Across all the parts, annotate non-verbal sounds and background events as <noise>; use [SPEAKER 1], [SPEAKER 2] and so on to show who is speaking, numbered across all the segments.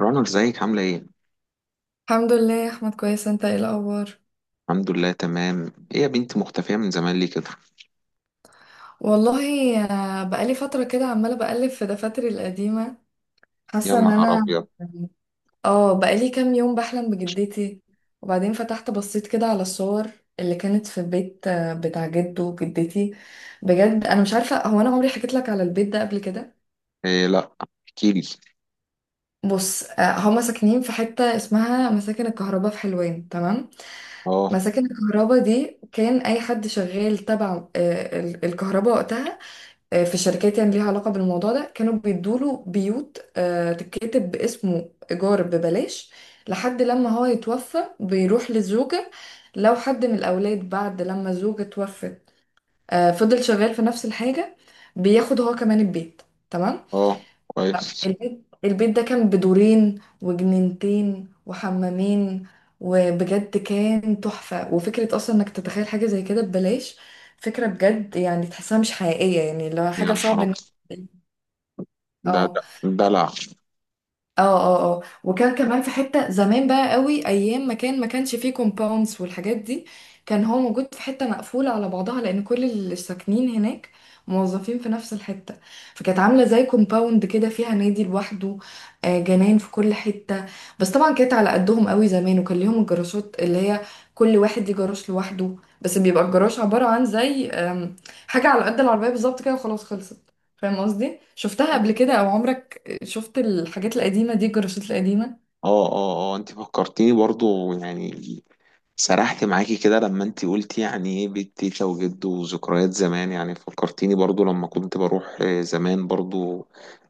[SPEAKER 1] رنا، ازيك؟ عاملة ايه؟
[SPEAKER 2] الحمد لله يا احمد، كويس. انت ايه الاخبار؟
[SPEAKER 1] الحمد لله تمام. ايه يا بنتي، مختفية من زمان ليه كده؟
[SPEAKER 2] والله بقالي فتره كده عماله بقلب في دفاتري القديمه.
[SPEAKER 1] يا
[SPEAKER 2] حاسه ان
[SPEAKER 1] نهار
[SPEAKER 2] انا
[SPEAKER 1] ابيض!
[SPEAKER 2] يعني، اه بقالي كام يوم بحلم بجدتي. وبعدين فتحت بصيت كده على الصور اللي كانت في البيت، بتاع جده وجدتي. بجد انا مش عارفه، هو انا عمري حكيت لك على البيت ده قبل كده؟
[SPEAKER 1] ايه لا، احكيلي.
[SPEAKER 2] بص، هما ساكنين في حته اسمها مساكن الكهرباء في حلوان، تمام.
[SPEAKER 1] اه
[SPEAKER 2] مساكن الكهرباء دي كان اي حد شغال تبع الكهرباء وقتها، في شركات يعني ليها علاقة بالموضوع ده، كانوا بيدوله بيوت تتكتب باسمه إيجار ببلاش لحد لما هو يتوفى بيروح للزوجة. لو حد من الأولاد بعد لما الزوجة توفت فضل شغال في نفس الحاجة، بياخد هو كمان البيت، تمام.
[SPEAKER 1] اه، كويس.
[SPEAKER 2] البيت ده كان بدورين وجنينتين وحمامين. وبجد كان تحفة. وفكرة أصلا إنك تتخيل حاجة زي كده ببلاش، فكرة بجد يعني تحسها مش حقيقية، يعني لو
[SPEAKER 1] يا
[SPEAKER 2] حاجة
[SPEAKER 1] نهار
[SPEAKER 2] صعب.
[SPEAKER 1] ابيض، ده
[SPEAKER 2] اه
[SPEAKER 1] ده دلع.
[SPEAKER 2] اه وكان كمان في حتة زمان بقى قوي، ايام ما كان ما كانش فيه كومباوندز والحاجات دي. كان هو موجود في حتة مقفولة على بعضها، لان كل اللي ساكنين هناك موظفين في نفس الحتة. فكانت عاملة زي كومباوند كده، فيها نادي لوحده، جنان في كل حتة. بس طبعا كانت على قدهم قوي زمان. وكان ليهم الجراشات اللي هي كل واحد ليه جراج لوحده، بس بيبقى الجراج عبارة عن زي حاجة على قد العربية بالظبط كده وخلاص خلصت. فاهم قصدي؟ شفتها قبل كده او عمرك شفت الحاجات القديمة دي، الجراشات القديمة؟
[SPEAKER 1] اه اه اه، انت فكرتيني برضو، يعني سرحت معاكي كده لما انت قلتي يعني ايه بيت تيتا وجد وذكريات زمان. يعني فكرتيني برضو لما كنت بروح زمان برضو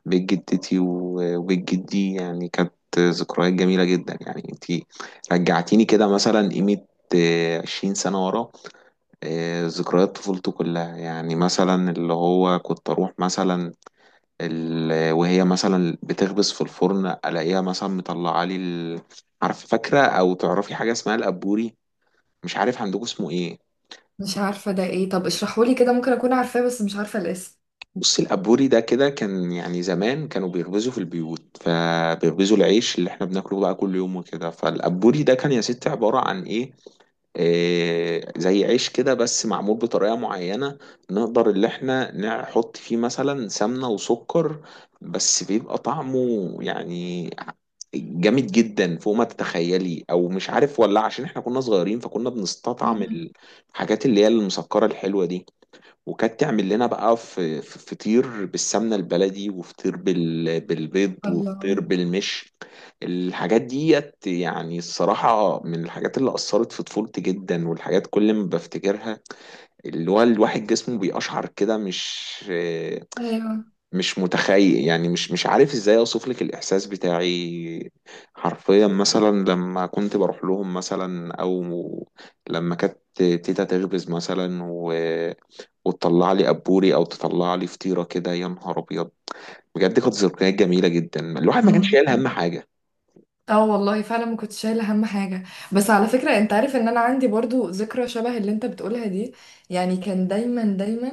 [SPEAKER 1] بيت جدتي وبيت جدي. يعني كانت ذكريات جميلة جدا. يعني انت رجعتيني كده مثلا قيمة 20 سنة ورا، ذكريات طفولته كلها. يعني مثلا اللي هو كنت أروح مثلا وهي مثلا بتخبز في الفرن الاقيها مثلا مطلعه لي عارف، فاكره او تعرفي حاجه اسمها الابوري؟ مش عارف عندكم اسمه ايه.
[SPEAKER 2] مش عارفة ده ايه، طب اشرحهولي كده، ممكن اكون عارفاه بس مش عارفة الاسم.
[SPEAKER 1] بصي، الابوري ده كده كان، يعني زمان كانوا بيخبزوا في البيوت، فبيخبزوا العيش اللي احنا بناكله بقى كل يوم وكده، فالابوري ده كان يا ستي عباره عن ايه، زي عيش كده بس معمول بطريقة معينة. نقدر اللي احنا نحط فيه مثلا سمنة وسكر، بس بيبقى طعمه يعني جامد جدا فوق ما تتخيلي، او مش عارف ولا عشان احنا كنا صغيرين فكنا
[SPEAKER 2] <laughs>
[SPEAKER 1] بنستطعم
[SPEAKER 2] مم.
[SPEAKER 1] الحاجات اللي هي المسكرة الحلوة دي. وكانت تعمل لنا بقى في فطير بالسمنة البلدي، وفطير بالبيض، وفطير
[SPEAKER 2] الله.
[SPEAKER 1] بالمش. الحاجات ديت يعني الصراحة من الحاجات اللي أثرت في طفولتي جدا، والحاجات كل ما بفتكرها اللي هو الواحد جسمه بيقشعر كده، مش
[SPEAKER 2] ايوه.
[SPEAKER 1] مش متخيل يعني، مش عارف ازاي اوصف لك الاحساس بتاعي. حرفيا مثلا لما كنت بروح لهم مثلا، او لما كانت تيتا تخبز مثلا وتطلع لي ابوري، او تطلع لي فطيره كده، يا نهار ابيض. بجد كانت ذكريات جميله جدا، الواحد ما كانش
[SPEAKER 2] مم.
[SPEAKER 1] شايل هم حاجه.
[SPEAKER 2] اه والله فعلا ما كنتش شايله هم حاجه. بس على فكره، انت عارف ان انا عندي برضو ذكرى شبه اللي انت بتقولها دي؟ يعني كان دايما دايما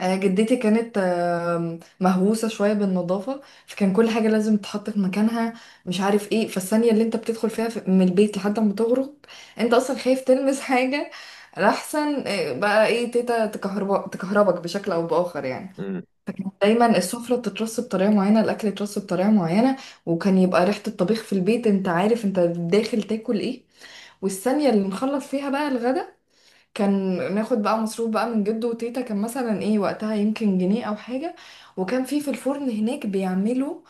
[SPEAKER 2] جدتي كانت مهووسة شوية بالنظافة، فكان كل حاجة لازم تتحط في مكانها، مش عارف ايه. فالثانية اللي انت بتدخل فيها من البيت لحد ما تغرق، انت اصلا خايف تلمس حاجة لأحسن بقى ايه، تيتا تكهربك بشكل او بآخر يعني.
[SPEAKER 1] مم.
[SPEAKER 2] فكانت دايما السفرة بتترص بطريقة معينة، الأكل يترص بطريقة معينة، وكان يبقى ريحة الطبيخ في البيت، انت عارف انت داخل تاكل ايه. والثانية اللي نخلص فيها بقى الغدا كان ناخد بقى مصروف بقى من جده وتيتا، كان مثلا ايه وقتها، يمكن جنيه او حاجة. وكان في في الفرن هناك بيعملوا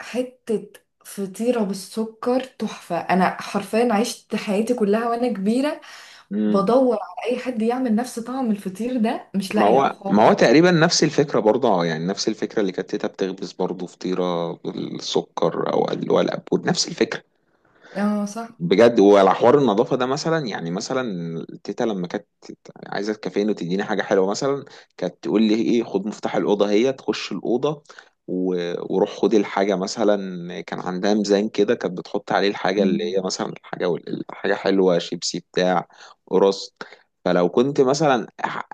[SPEAKER 2] حتة فطيرة بالسكر تحفة. انا حرفيا عشت حياتي كلها وانا كبيرة
[SPEAKER 1] مم.
[SPEAKER 2] بدور على اي حد يعمل نفس طعم الفطير ده، مش
[SPEAKER 1] ما
[SPEAKER 2] لاقية
[SPEAKER 1] هو، ما هو
[SPEAKER 2] خالص.
[SPEAKER 1] تقريبا نفس الفكره برضه، يعني نفس الفكره اللي كانت تيتا بتخبز برضه فطيره بالسكر، او اللي هو الابور نفس الفكره.
[SPEAKER 2] اه صح.
[SPEAKER 1] بجد. وعلى حوار النظافة ده مثلا، يعني مثلا تيتا لما كانت عايزة تكافئني وتديني حاجة حلوة مثلا، كانت تقول لي ايه، خد مفتاح الأوضة هي تخش الأوضة وروح خد الحاجة مثلا. كان عندها ميزان كده، كانت بتحط عليه الحاجة
[SPEAKER 2] مم.
[SPEAKER 1] اللي هي مثلا الحاجة الحاجة حلوة، شيبسي بتاع قرص. فلو كنت مثلا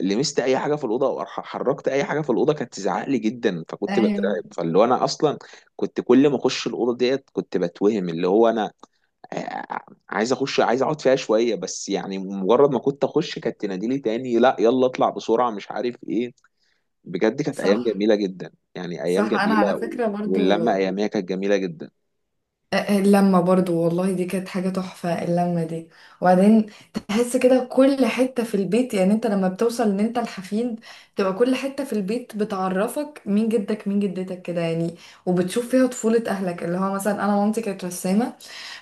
[SPEAKER 1] لمست اي حاجه في الاوضه، او حركت اي حاجه في الاوضه، كانت تزعق لي جدا، فكنت بترعب.
[SPEAKER 2] ايوه.
[SPEAKER 1] فاللي هو انا اصلا كنت كل ما اخش الاوضه ديت كنت بتوهم اللي هو انا آه، عايز اخش، عايز اقعد فيها شويه بس. يعني مجرد ما كنت اخش كانت تناديلي تاني، لا يلا اطلع بسرعه مش عارف ايه. بجد كانت ايام
[SPEAKER 2] صح
[SPEAKER 1] جميله جدا، يعني ايام
[SPEAKER 2] صح. انا
[SPEAKER 1] جميله،
[SPEAKER 2] على فكرة برضو
[SPEAKER 1] واللمه اياميها كانت جميله جدا.
[SPEAKER 2] اللمة برضو، والله دي كانت حاجة تحفة اللمة دي. وبعدين تحس كده كل حتة في البيت، يعني انت لما بتوصل ان انت الحفيد تبقى كل حتة في البيت بتعرفك، مين جدك مين جدتك كده يعني. وبتشوف فيها طفولة اهلك، اللي هو مثلا انا مامتي كانت رسامة،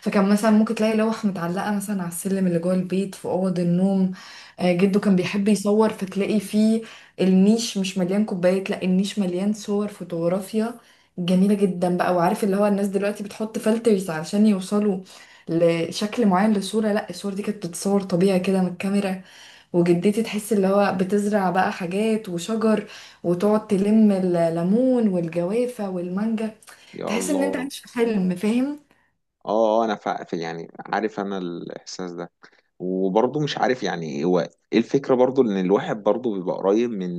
[SPEAKER 2] فكان مثلا ممكن تلاقي لوح متعلقة مثلا على السلم اللي جوه البيت في أوض النوم. جده كان بيحب يصور فتلاقي فيه النيش مش مليان كوبايات، لا النيش مليان صور فوتوغرافيا جميلة جدا بقى. وعارف اللي هو الناس دلوقتي بتحط فلترز علشان يوصلوا لشكل معين للصورة؟ لا، الصور دي كانت بتتصور طبيعي كده من الكاميرا. وجدتي تحس اللي هو بتزرع بقى حاجات وشجر، وتقعد تلم الليمون والجوافة والمانجا،
[SPEAKER 1] يا
[SPEAKER 2] تحس ان انت
[SPEAKER 1] الله.
[SPEAKER 2] عايش في حلم، فاهم.
[SPEAKER 1] اه، انا في يعني، عارف انا الاحساس ده، وبرضه مش عارف يعني هو ايه. الفكره برضه ان الواحد برضه بيبقى قريب من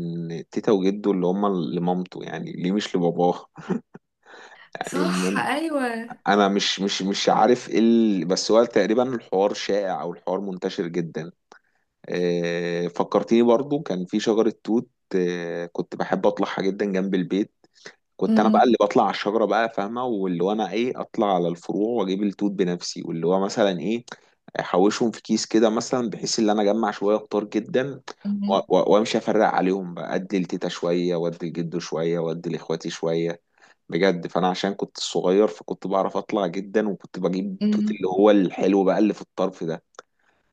[SPEAKER 1] تيتا وجده اللي هما لمامته، يعني ليه مش لباباه <laughs>
[SPEAKER 2] صح.
[SPEAKER 1] يعني.
[SPEAKER 2] ايوه.
[SPEAKER 1] انا مش عارف ايه بس هو تقريبا الحوار شائع، او الحوار منتشر جدا. فكرتيني برضو كان في شجرة توت. كنت بحب اطلعها جدا جنب البيت. كنت انا بقى
[SPEAKER 2] امم.
[SPEAKER 1] اللي بطلع على الشجره بقى فاهمه، واللي هو انا ايه، اطلع على الفروع واجيب التوت بنفسي، واللي هو مثلا ايه احوشهم في كيس كده مثلا، بحيث ان انا اجمع شويه كتار جدا
[SPEAKER 2] امم.
[SPEAKER 1] وامشي افرق عليهم بقى، ادي لتيتا شويه وادي لجده شويه وادي لاخواتي شويه. بجد. فانا عشان كنت صغير، فكنت بعرف اطلع جدا، وكنت بجيب التوت اللي
[SPEAKER 2] امم.
[SPEAKER 1] هو الحلو بقى اللي في الطرف ده.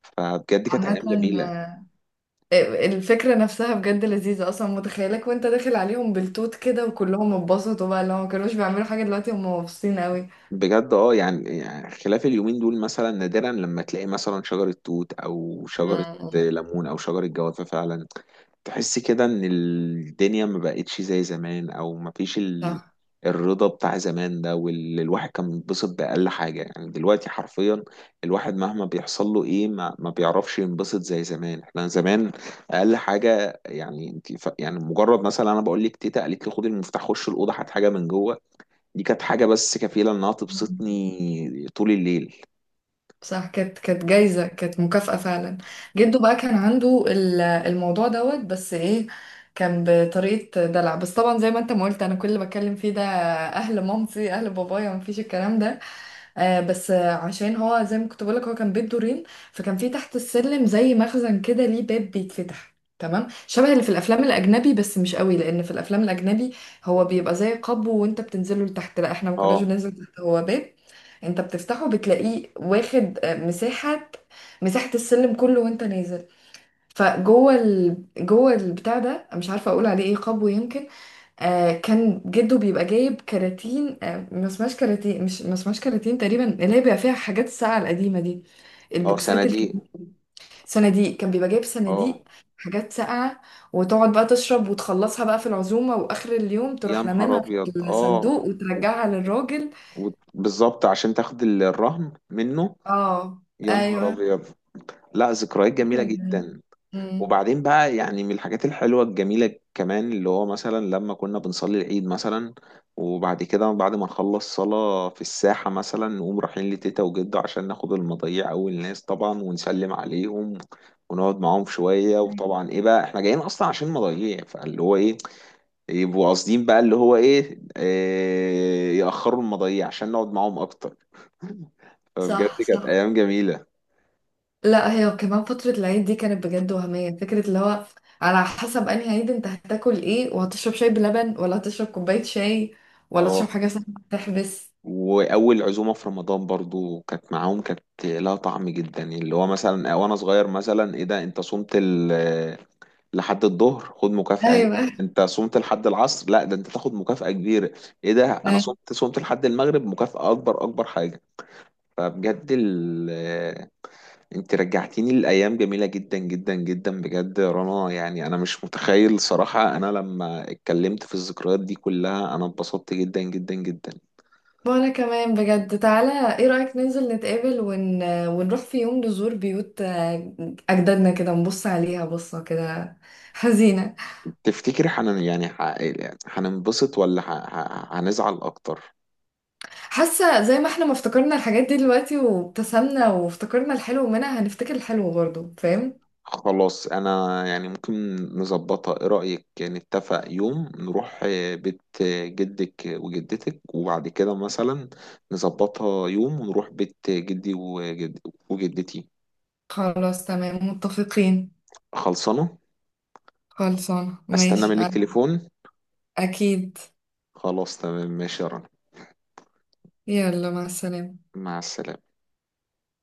[SPEAKER 1] فبجد كانت ايام
[SPEAKER 2] عامة
[SPEAKER 1] جميله.
[SPEAKER 2] الفكرة نفسها بجد لذيذة، أصلا متخيلك وأنت داخل عليهم بالتوت كده وكلهم اتبسطوا بقى، اللي هو مكانوش بيعملوا حاجة دلوقتي هم مبسوطين قوي.
[SPEAKER 1] بجد اه. يعني يعني خلاف اليومين دول مثلا نادرا لما تلاقي مثلا شجره توت، او شجره
[SPEAKER 2] مم.
[SPEAKER 1] ليمون، او شجره جوافه. فعلا تحس كده ان الدنيا ما بقتش زي زمان، او ما فيش
[SPEAKER 2] صح.
[SPEAKER 1] الرضا بتاع زمان ده، واللي الواحد كان بينبسط بأقل حاجة. يعني دلوقتي حرفيا الواحد مهما بيحصل له ايه ما بيعرفش ينبسط زي زمان. احنا زمان أقل حاجة، يعني انت يعني مجرد مثلا انا بقول لك تيتا قالت لي خد المفتاح خش الأوضة هات حاجة من جوه، دي كانت حاجة بس كفيلة انها تبسطني طول الليل.
[SPEAKER 2] صح كانت كانت جايزة، كانت مكافأة فعلا. جده بقى كان عنده الموضوع دوت بس ايه، كان بطريقة دلع. بس طبعا زي ما انت ما قلت، انا كل اللي بتكلم فيه ده اهل مامتي، اهل بابايا مفيش الكلام ده. آه بس آه، عشان هو زي ما كنت بقولك هو كان بيت دورين، فكان في تحت السلم زي مخزن كده ليه باب بيتفتح، تمام، شبه اللي في الافلام الاجنبي بس مش قوي، لان في الافلام الاجنبي هو بيبقى زي قبو وانت بتنزله لتحت. لا احنا ما كناش
[SPEAKER 1] اه.
[SPEAKER 2] بننزل تحت، هو باب انت بتفتحه بتلاقيه واخد مساحة، مساحة السلم كله وانت نازل. جوه البتاع ده مش عارفه اقول عليه ايه، قبو يمكن. آه كان جده بيبقى جايب كراتين، آه ما اسمهاش كراتين تقريبا، اللي هي بيبقى فيها حاجات الساقعة القديمة دي،
[SPEAKER 1] اه،
[SPEAKER 2] البوكسات
[SPEAKER 1] صناديق.
[SPEAKER 2] الكبيرة دي. صناديق، كان بيبقى جايب صناديق
[SPEAKER 1] اه،
[SPEAKER 2] حاجات ساقعة، وتقعد بقى تشرب وتخلصها بقى في العزومة، وآخر اليوم
[SPEAKER 1] يا
[SPEAKER 2] تروح
[SPEAKER 1] نهار
[SPEAKER 2] لممها في
[SPEAKER 1] ابيض. اه،
[SPEAKER 2] الصندوق وترجعها للراجل.
[SPEAKER 1] بالظبط عشان تاخد الرهن منه.
[SPEAKER 2] اه.
[SPEAKER 1] يا
[SPEAKER 2] ايوه.
[SPEAKER 1] نهار ابيض. لا، ذكريات جميله
[SPEAKER 2] فكرة جميلة.
[SPEAKER 1] جدا.
[SPEAKER 2] أمم،
[SPEAKER 1] وبعدين بقى، يعني من الحاجات الحلوه الجميله كمان، اللي هو مثلا لما كنا بنصلي العيد مثلا، وبعد كده بعد ما نخلص صلاه في الساحه مثلا، نقوم رايحين لتيتا وجده عشان ناخد المضيع اول ناس طبعا، ونسلم عليهم ونقعد معاهم شويه. وطبعا ايه بقى، احنا جايين اصلا عشان مضيع، فاللي هو ايه، يبقوا قاصدين بقى اللي هو ايه، يأخروا المضايع عشان نقعد معاهم اكتر. <laughs> فبجد
[SPEAKER 2] صح.
[SPEAKER 1] كانت
[SPEAKER 2] صح.
[SPEAKER 1] ايام جميلة.
[SPEAKER 2] لا هي كمان فترة العيد دي كانت بجد وهمية. فكرة اللي هو على حسب انهي عيد انت هتاكل ايه، وهتشرب شاي بلبن ولا هتشرب كوباية شاي، ولا تشرب
[SPEAKER 1] اه،
[SPEAKER 2] حاجة سخنة تحبس.
[SPEAKER 1] واول عزومة في رمضان برضو كانت معاهم، كانت لها طعم جدا. اللي هو مثلا وانا صغير، مثلا ايه ده انت صمت لحد الظهر، خد مكافأة اهي.
[SPEAKER 2] ايوه.
[SPEAKER 1] انت صمت لحد العصر، لا ده انت تاخد مكافأة كبيرة. ايه ده انا
[SPEAKER 2] ايوه.
[SPEAKER 1] صمت، صمت لحد المغرب، مكافأة اكبر، اكبر حاجة. فبجد انت رجعتيني لأيام جميلة جدا جدا جدا. بجد يا رنا، يعني انا مش متخيل صراحة. انا لما اتكلمت في الذكريات دي كلها انا اتبسطت جدا جدا جدا.
[SPEAKER 2] وانا كمان بجد. تعالى ايه رأيك ننزل ونروح في يوم نزور بيوت اجدادنا كده، نبص عليها بصة كده حزينة.
[SPEAKER 1] تفتكر حن يعني، هننبسط ولا هنزعل اكتر؟
[SPEAKER 2] حاسة زي ما احنا ما افتكرنا الحاجات دي دلوقتي وابتسمنا وافتكرنا الحلو منها، هنفتكر الحلو برضه، فاهم.
[SPEAKER 1] خلاص انا يعني ممكن نظبطها. ايه رأيك نتفق يوم نروح بيت جدك وجدتك، وبعد كده مثلا نظبطها يوم ونروح بيت جدي وجدتي.
[SPEAKER 2] خلاص تمام، متفقين.
[SPEAKER 1] خلصانة.
[SPEAKER 2] خلصانة
[SPEAKER 1] استنى
[SPEAKER 2] ماشي.
[SPEAKER 1] منك تليفون.
[SPEAKER 2] أكيد.
[SPEAKER 1] خلاص تمام ماشي يا رنا.
[SPEAKER 2] يلا مع السلامة.
[SPEAKER 1] مع السلامة.